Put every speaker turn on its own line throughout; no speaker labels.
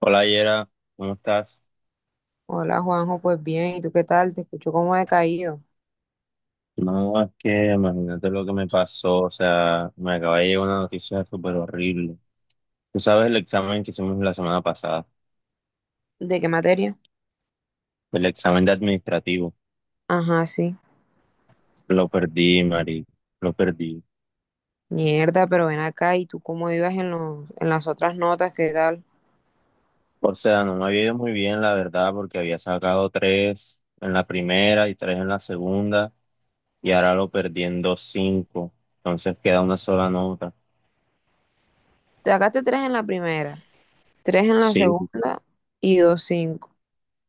Hola Yera, ¿cómo estás?
Hola Juanjo, pues bien, ¿y tú qué tal? Te escucho como decaído.
No, es que imagínate lo que me pasó, o sea, me acaba de llegar una noticia súper horrible. Tú sabes el examen que hicimos la semana pasada,
¿De qué materia?
el examen de administrativo,
Ajá, sí.
lo perdí, Mari, lo perdí.
Mierda, pero ven acá, ¿y tú cómo ibas en las otras notas? ¿Qué tal?
O sea, no me había ido muy bien, la verdad, porque había sacado tres en la primera y tres en la segunda, y ahora lo perdí en dos cinco, entonces queda una sola nota.
Te sacaste tres en la primera, tres en la
Sí,
segunda y dos cinco.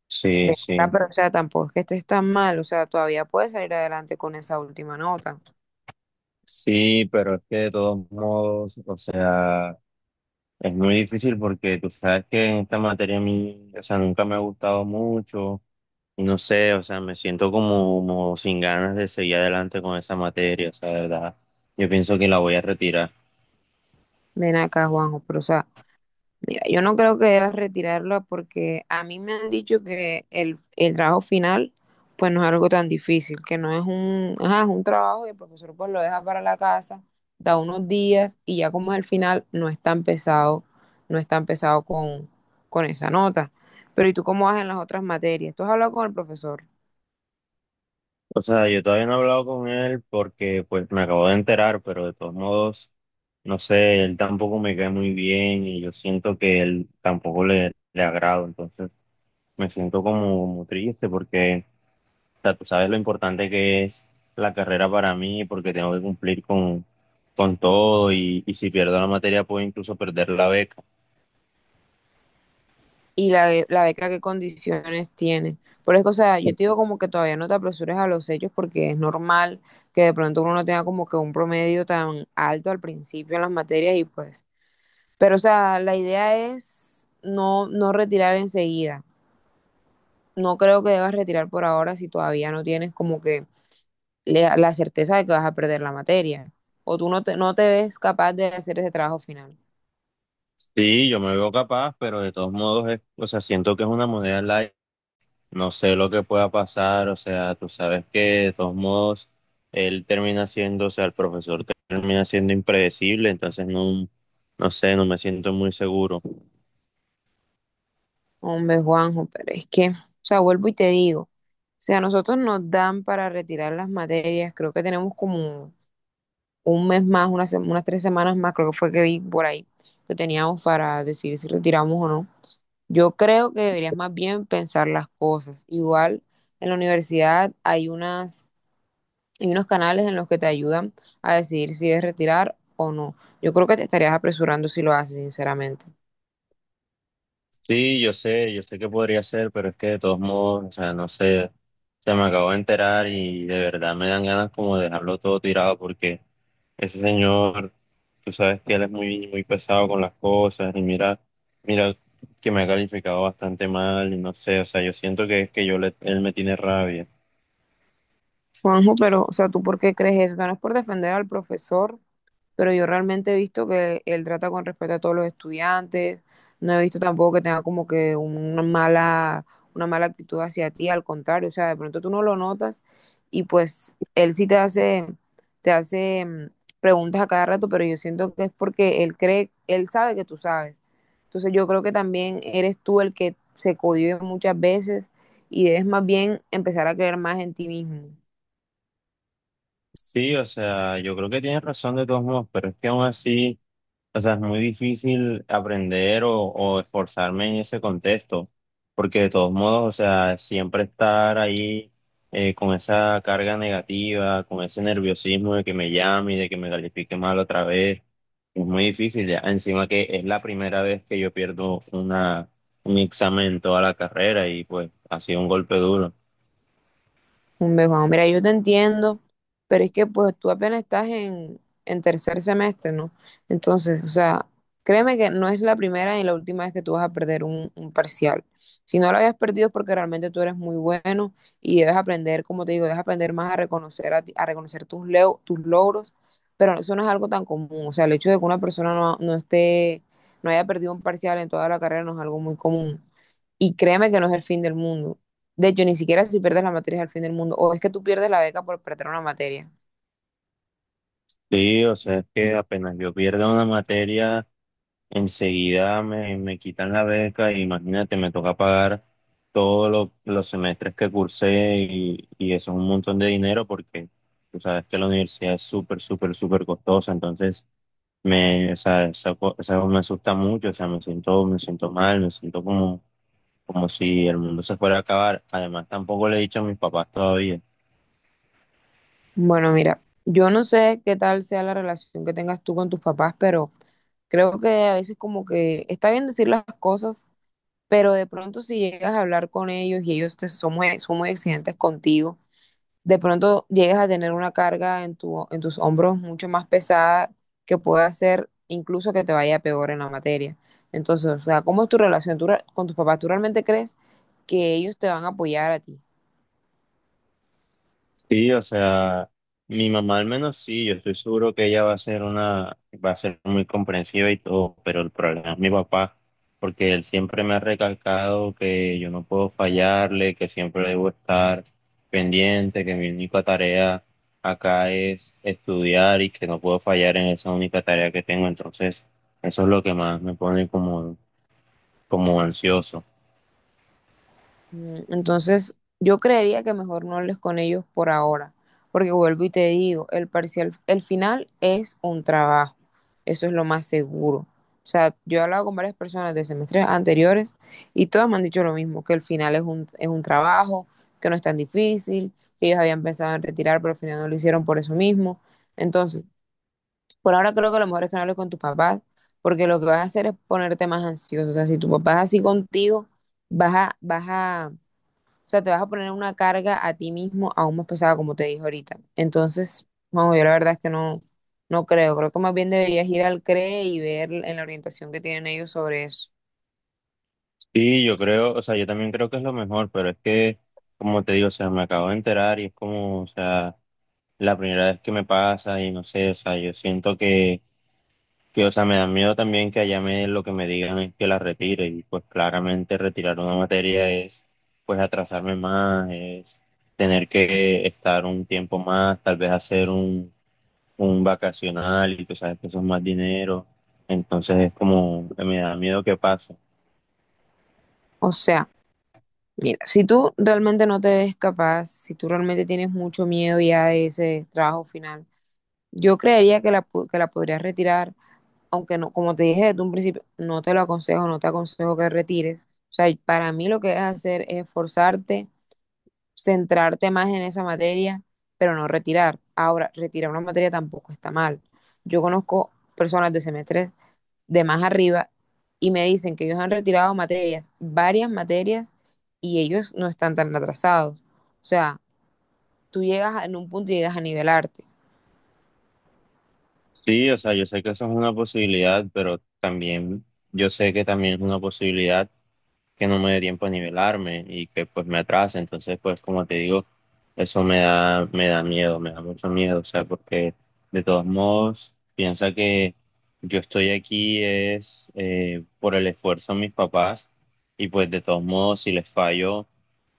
sí,
Ven acá,
sí.
pero o sea, tampoco es que estés tan mal, o sea, todavía puedes salir adelante con esa última nota.
Sí, pero es que de todos modos, o sea... Es muy difícil porque tú sabes que esta materia a mí, o sea, nunca me ha gustado mucho. Y no sé, o sea, me siento como, como sin ganas de seguir adelante con esa materia, o sea, de verdad. Yo pienso que la voy a retirar.
Ven acá, Juanjo, pero o sea, mira, yo no creo que debas retirarla porque a mí me han dicho que el trabajo final pues no es algo tan difícil, que no es un, ajá, es un trabajo y el profesor pues lo deja para la casa, da unos días y ya como es el final no es tan pesado, no es tan pesado con esa nota. Pero ¿y tú cómo vas en las otras materias? ¿Tú has hablado con el profesor?
O sea, yo todavía no he hablado con él porque pues me acabo de enterar, pero de todos modos, no sé, él tampoco me cae muy bien y yo siento que él tampoco le agrado, entonces me siento como, como triste porque, o sea, tú sabes lo importante que es la carrera para mí porque tengo que cumplir con todo y si pierdo la materia puedo incluso perder la beca.
Y la beca qué condiciones tiene. Por eso, o sea, yo te digo como que todavía no te apresures a los hechos porque es normal que de pronto uno no tenga como que un promedio tan alto al principio en las materias y pues, pero o sea, la idea es no, no retirar enseguida. No creo que debas retirar por ahora si todavía no tienes como que la certeza de que vas a perder la materia o tú no te ves capaz de hacer ese trabajo final.
Sí, yo me veo capaz, pero de todos modos, o sea, siento que es una moneda al aire. No sé lo que pueda pasar, o sea, tú sabes que de todos modos él termina siendo, o sea, el profesor termina siendo impredecible, entonces no, no sé, no me siento muy seguro.
Hombre, Juanjo, pero es que, o sea, vuelvo y te digo, o sea, nosotros nos dan para retirar las materias, creo que tenemos como un mes más, unas, unas tres semanas más, creo que fue que vi por ahí, que teníamos para decidir si retiramos o no. Yo creo que deberías más bien pensar las cosas. Igual en la universidad hay unos canales en los que te ayudan a decidir si debes retirar o no. Yo creo que te estarías apresurando si lo haces, sinceramente.
Sí, yo sé que podría ser, pero es que de todos modos, o sea, no sé, se me acabo de enterar y de verdad me dan ganas como de dejarlo todo tirado porque ese señor, tú sabes que él es muy, muy pesado con las cosas y mira, mira que me ha calificado bastante mal y no sé, o sea, yo siento que es que yo él me tiene rabia.
Juanjo, pero, o sea, ¿tú por qué crees eso? Que no es por defender al profesor, pero yo realmente he visto que él trata con respeto a todos los estudiantes, no he visto tampoco que tenga como que una mala actitud hacia ti, al contrario, o sea, de pronto tú no lo notas y pues él sí te hace preguntas a cada rato, pero yo siento que es porque él cree, él sabe que tú sabes. Entonces yo creo que también eres tú el que se cohíbe muchas veces y debes más bien empezar a creer más en ti mismo.
Sí, o sea, yo creo que tienes razón de todos modos, pero es que aún así... O sea, es muy difícil aprender o esforzarme en ese contexto, porque de todos modos, o sea, siempre estar ahí con esa carga negativa, con ese nerviosismo de que me llame y de que me califique mal otra vez, es muy difícil ya. Encima que es la primera vez que yo un examen en toda la carrera y pues ha sido un golpe duro.
Hombre, Juan, mira, yo te entiendo, pero es que pues tú apenas en tercer semestre, ¿no? Entonces, o sea, créeme que no es la primera ni la última vez que tú vas a perder un parcial. Si no lo habías perdido es porque realmente tú eres muy bueno y debes aprender, como te digo, debes aprender más a reconocer, a, a reconocer tus, tus logros, pero eso no es algo tan común. O sea, el hecho de que una persona no esté, no haya perdido un parcial en toda la carrera no es algo muy común. Y créeme que no es el fin del mundo. De hecho, ni siquiera si pierdes la materia es el fin del mundo. O es que tú pierdes la beca por perder una materia.
Sí, o sea, es que apenas yo pierdo una materia, enseguida me quitan la beca y imagínate, me toca pagar todos los semestres que cursé y eso es un montón de dinero porque tú sabes que la universidad es súper, súper, súper costosa, entonces me, o sea, esa me asusta mucho, o sea, me siento mal, me siento como, como si el mundo se fuera a acabar. Además, tampoco le he dicho a mis papás todavía.
Bueno, mira, yo no sé qué tal sea la relación que tengas tú con tus papás, pero creo que a veces como que está bien decir las cosas, pero de pronto si llegas a hablar con ellos y ellos son muy exigentes contigo, de pronto llegues a tener una carga en tus hombros mucho más pesada que puede hacer incluso que te vaya peor en la materia. Entonces, o sea, ¿cómo es tu relación? Con tus papás? ¿Tú realmente crees que ellos te van a apoyar a ti?
Sí, o sea, mi mamá al menos sí, yo estoy seguro que ella va a ser una, va a ser muy comprensiva y todo, pero el problema es mi papá, porque él siempre me ha recalcado que yo no puedo fallarle, que siempre debo estar pendiente, que mi única tarea acá es estudiar y que no puedo fallar en esa única tarea que tengo, entonces eso es lo que más me pone como, como ansioso.
Entonces, yo creería que mejor no hables con ellos por ahora, porque vuelvo y te digo, el parcial, el final es un trabajo, eso es lo más seguro. O sea, yo he hablado con varias personas de semestres anteriores y todas me han dicho lo mismo, que el final es un trabajo, que no es tan difícil, que ellos habían pensado en retirar, pero al final no lo hicieron por eso mismo. Entonces, por ahora creo que lo mejor es que no hables con tus papás, porque lo que vas a hacer es ponerte más ansioso. O sea, si tu papá es así contigo, vas a o sea, te vas a poner una carga a ti mismo aún más pesada, como te dije ahorita. Entonces, vamos, yo la verdad es que no creo. Creo que más bien deberías ir al CRE y ver en la orientación que tienen ellos sobre eso.
Sí, yo creo, o sea, yo también creo que es lo mejor, pero es que, como te digo, o sea, me acabo de enterar y es como, o sea, la primera vez que me pasa y no sé, o sea, yo siento que, o sea, me da miedo también que allá me, lo que me digan es que la retire y pues claramente retirar una materia es, pues, atrasarme más, es tener que estar un tiempo más, tal vez hacer un vacacional y tú sabes que eso es más dinero, entonces es como, que me da miedo que pase.
O sea, mira, si tú realmente no te ves capaz, si tú realmente tienes mucho miedo ya de ese trabajo final, yo creería que la, que la podrías retirar, aunque no, como te dije desde un principio, no te lo aconsejo, no te aconsejo que retires. O sea, para mí lo que es hacer es esforzarte, centrarte más en esa materia, pero no retirar. Ahora, retirar una materia tampoco está mal. Yo conozco personas de semestres de más arriba y me dicen que ellos han retirado materias, varias materias, y ellos no están tan atrasados. O sea, tú llegas en un punto y llegas a nivelarte.
Sí, o sea, yo sé que eso es una posibilidad, pero también yo sé que también es una posibilidad que no me dé tiempo a nivelarme y que pues me atrase. Entonces, pues como te digo, eso me da miedo, me da mucho miedo. O sea, porque de todos modos, piensa que yo estoy aquí es por el esfuerzo de mis papás y pues de todos modos, si les fallo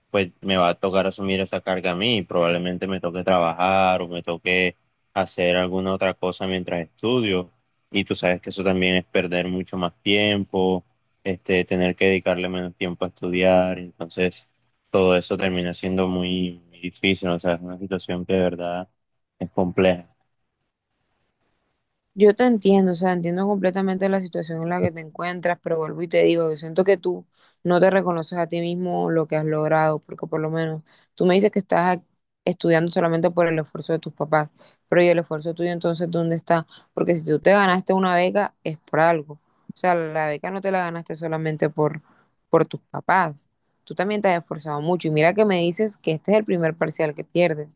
pues me va a tocar asumir esa carga a mí. Probablemente me toque trabajar o me toque hacer alguna otra cosa mientras estudio. Y tú sabes que eso también es perder mucho más tiempo, este, tener que dedicarle menos tiempo a estudiar. Entonces, todo eso termina siendo muy, muy difícil. O sea, es una situación que de verdad es compleja.
Yo te entiendo, o sea, entiendo completamente la situación en la que te encuentras, pero vuelvo y te digo, yo siento que tú no te reconoces a ti mismo lo que has logrado, porque por lo menos tú me dices que estudiando solamente por el esfuerzo de tus papás, pero ¿y el esfuerzo tuyo entonces dónde está? Porque si tú te ganaste una beca es por algo, o sea, la beca no te la ganaste solamente por tus papás, tú también te has esforzado mucho y mira que me dices que este es el primer parcial que pierdes.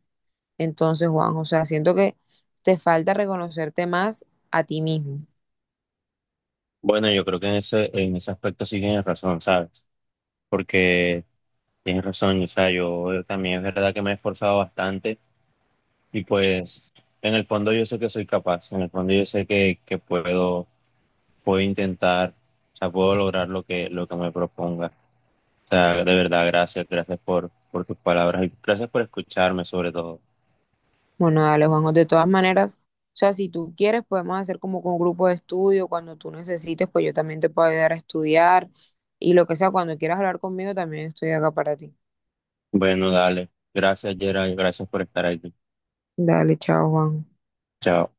Entonces, Juanjo, o sea, siento que te falta reconocerte más a ti mismo.
Bueno, yo creo que en ese aspecto sí tienes razón, ¿sabes? Porque tienes razón, o sea, yo también es verdad que me he esforzado bastante. Y pues en el fondo yo sé que soy capaz, en el fondo yo sé que puedo, puedo intentar, o sea, puedo lograr lo que me proponga. O sea, de verdad, gracias, gracias por tus palabras y gracias por escucharme sobre todo.
Bueno, dale, Juanjo, de todas maneras, o sea, si tú quieres, podemos hacer como con un grupo de estudio, cuando tú necesites, pues yo también te puedo ayudar a estudiar y lo que sea, cuando quieras hablar conmigo, también estoy acá para ti.
Bueno, dale, gracias Gerald, gracias por estar aquí.
Dale, chao, Juanjo.
Chao.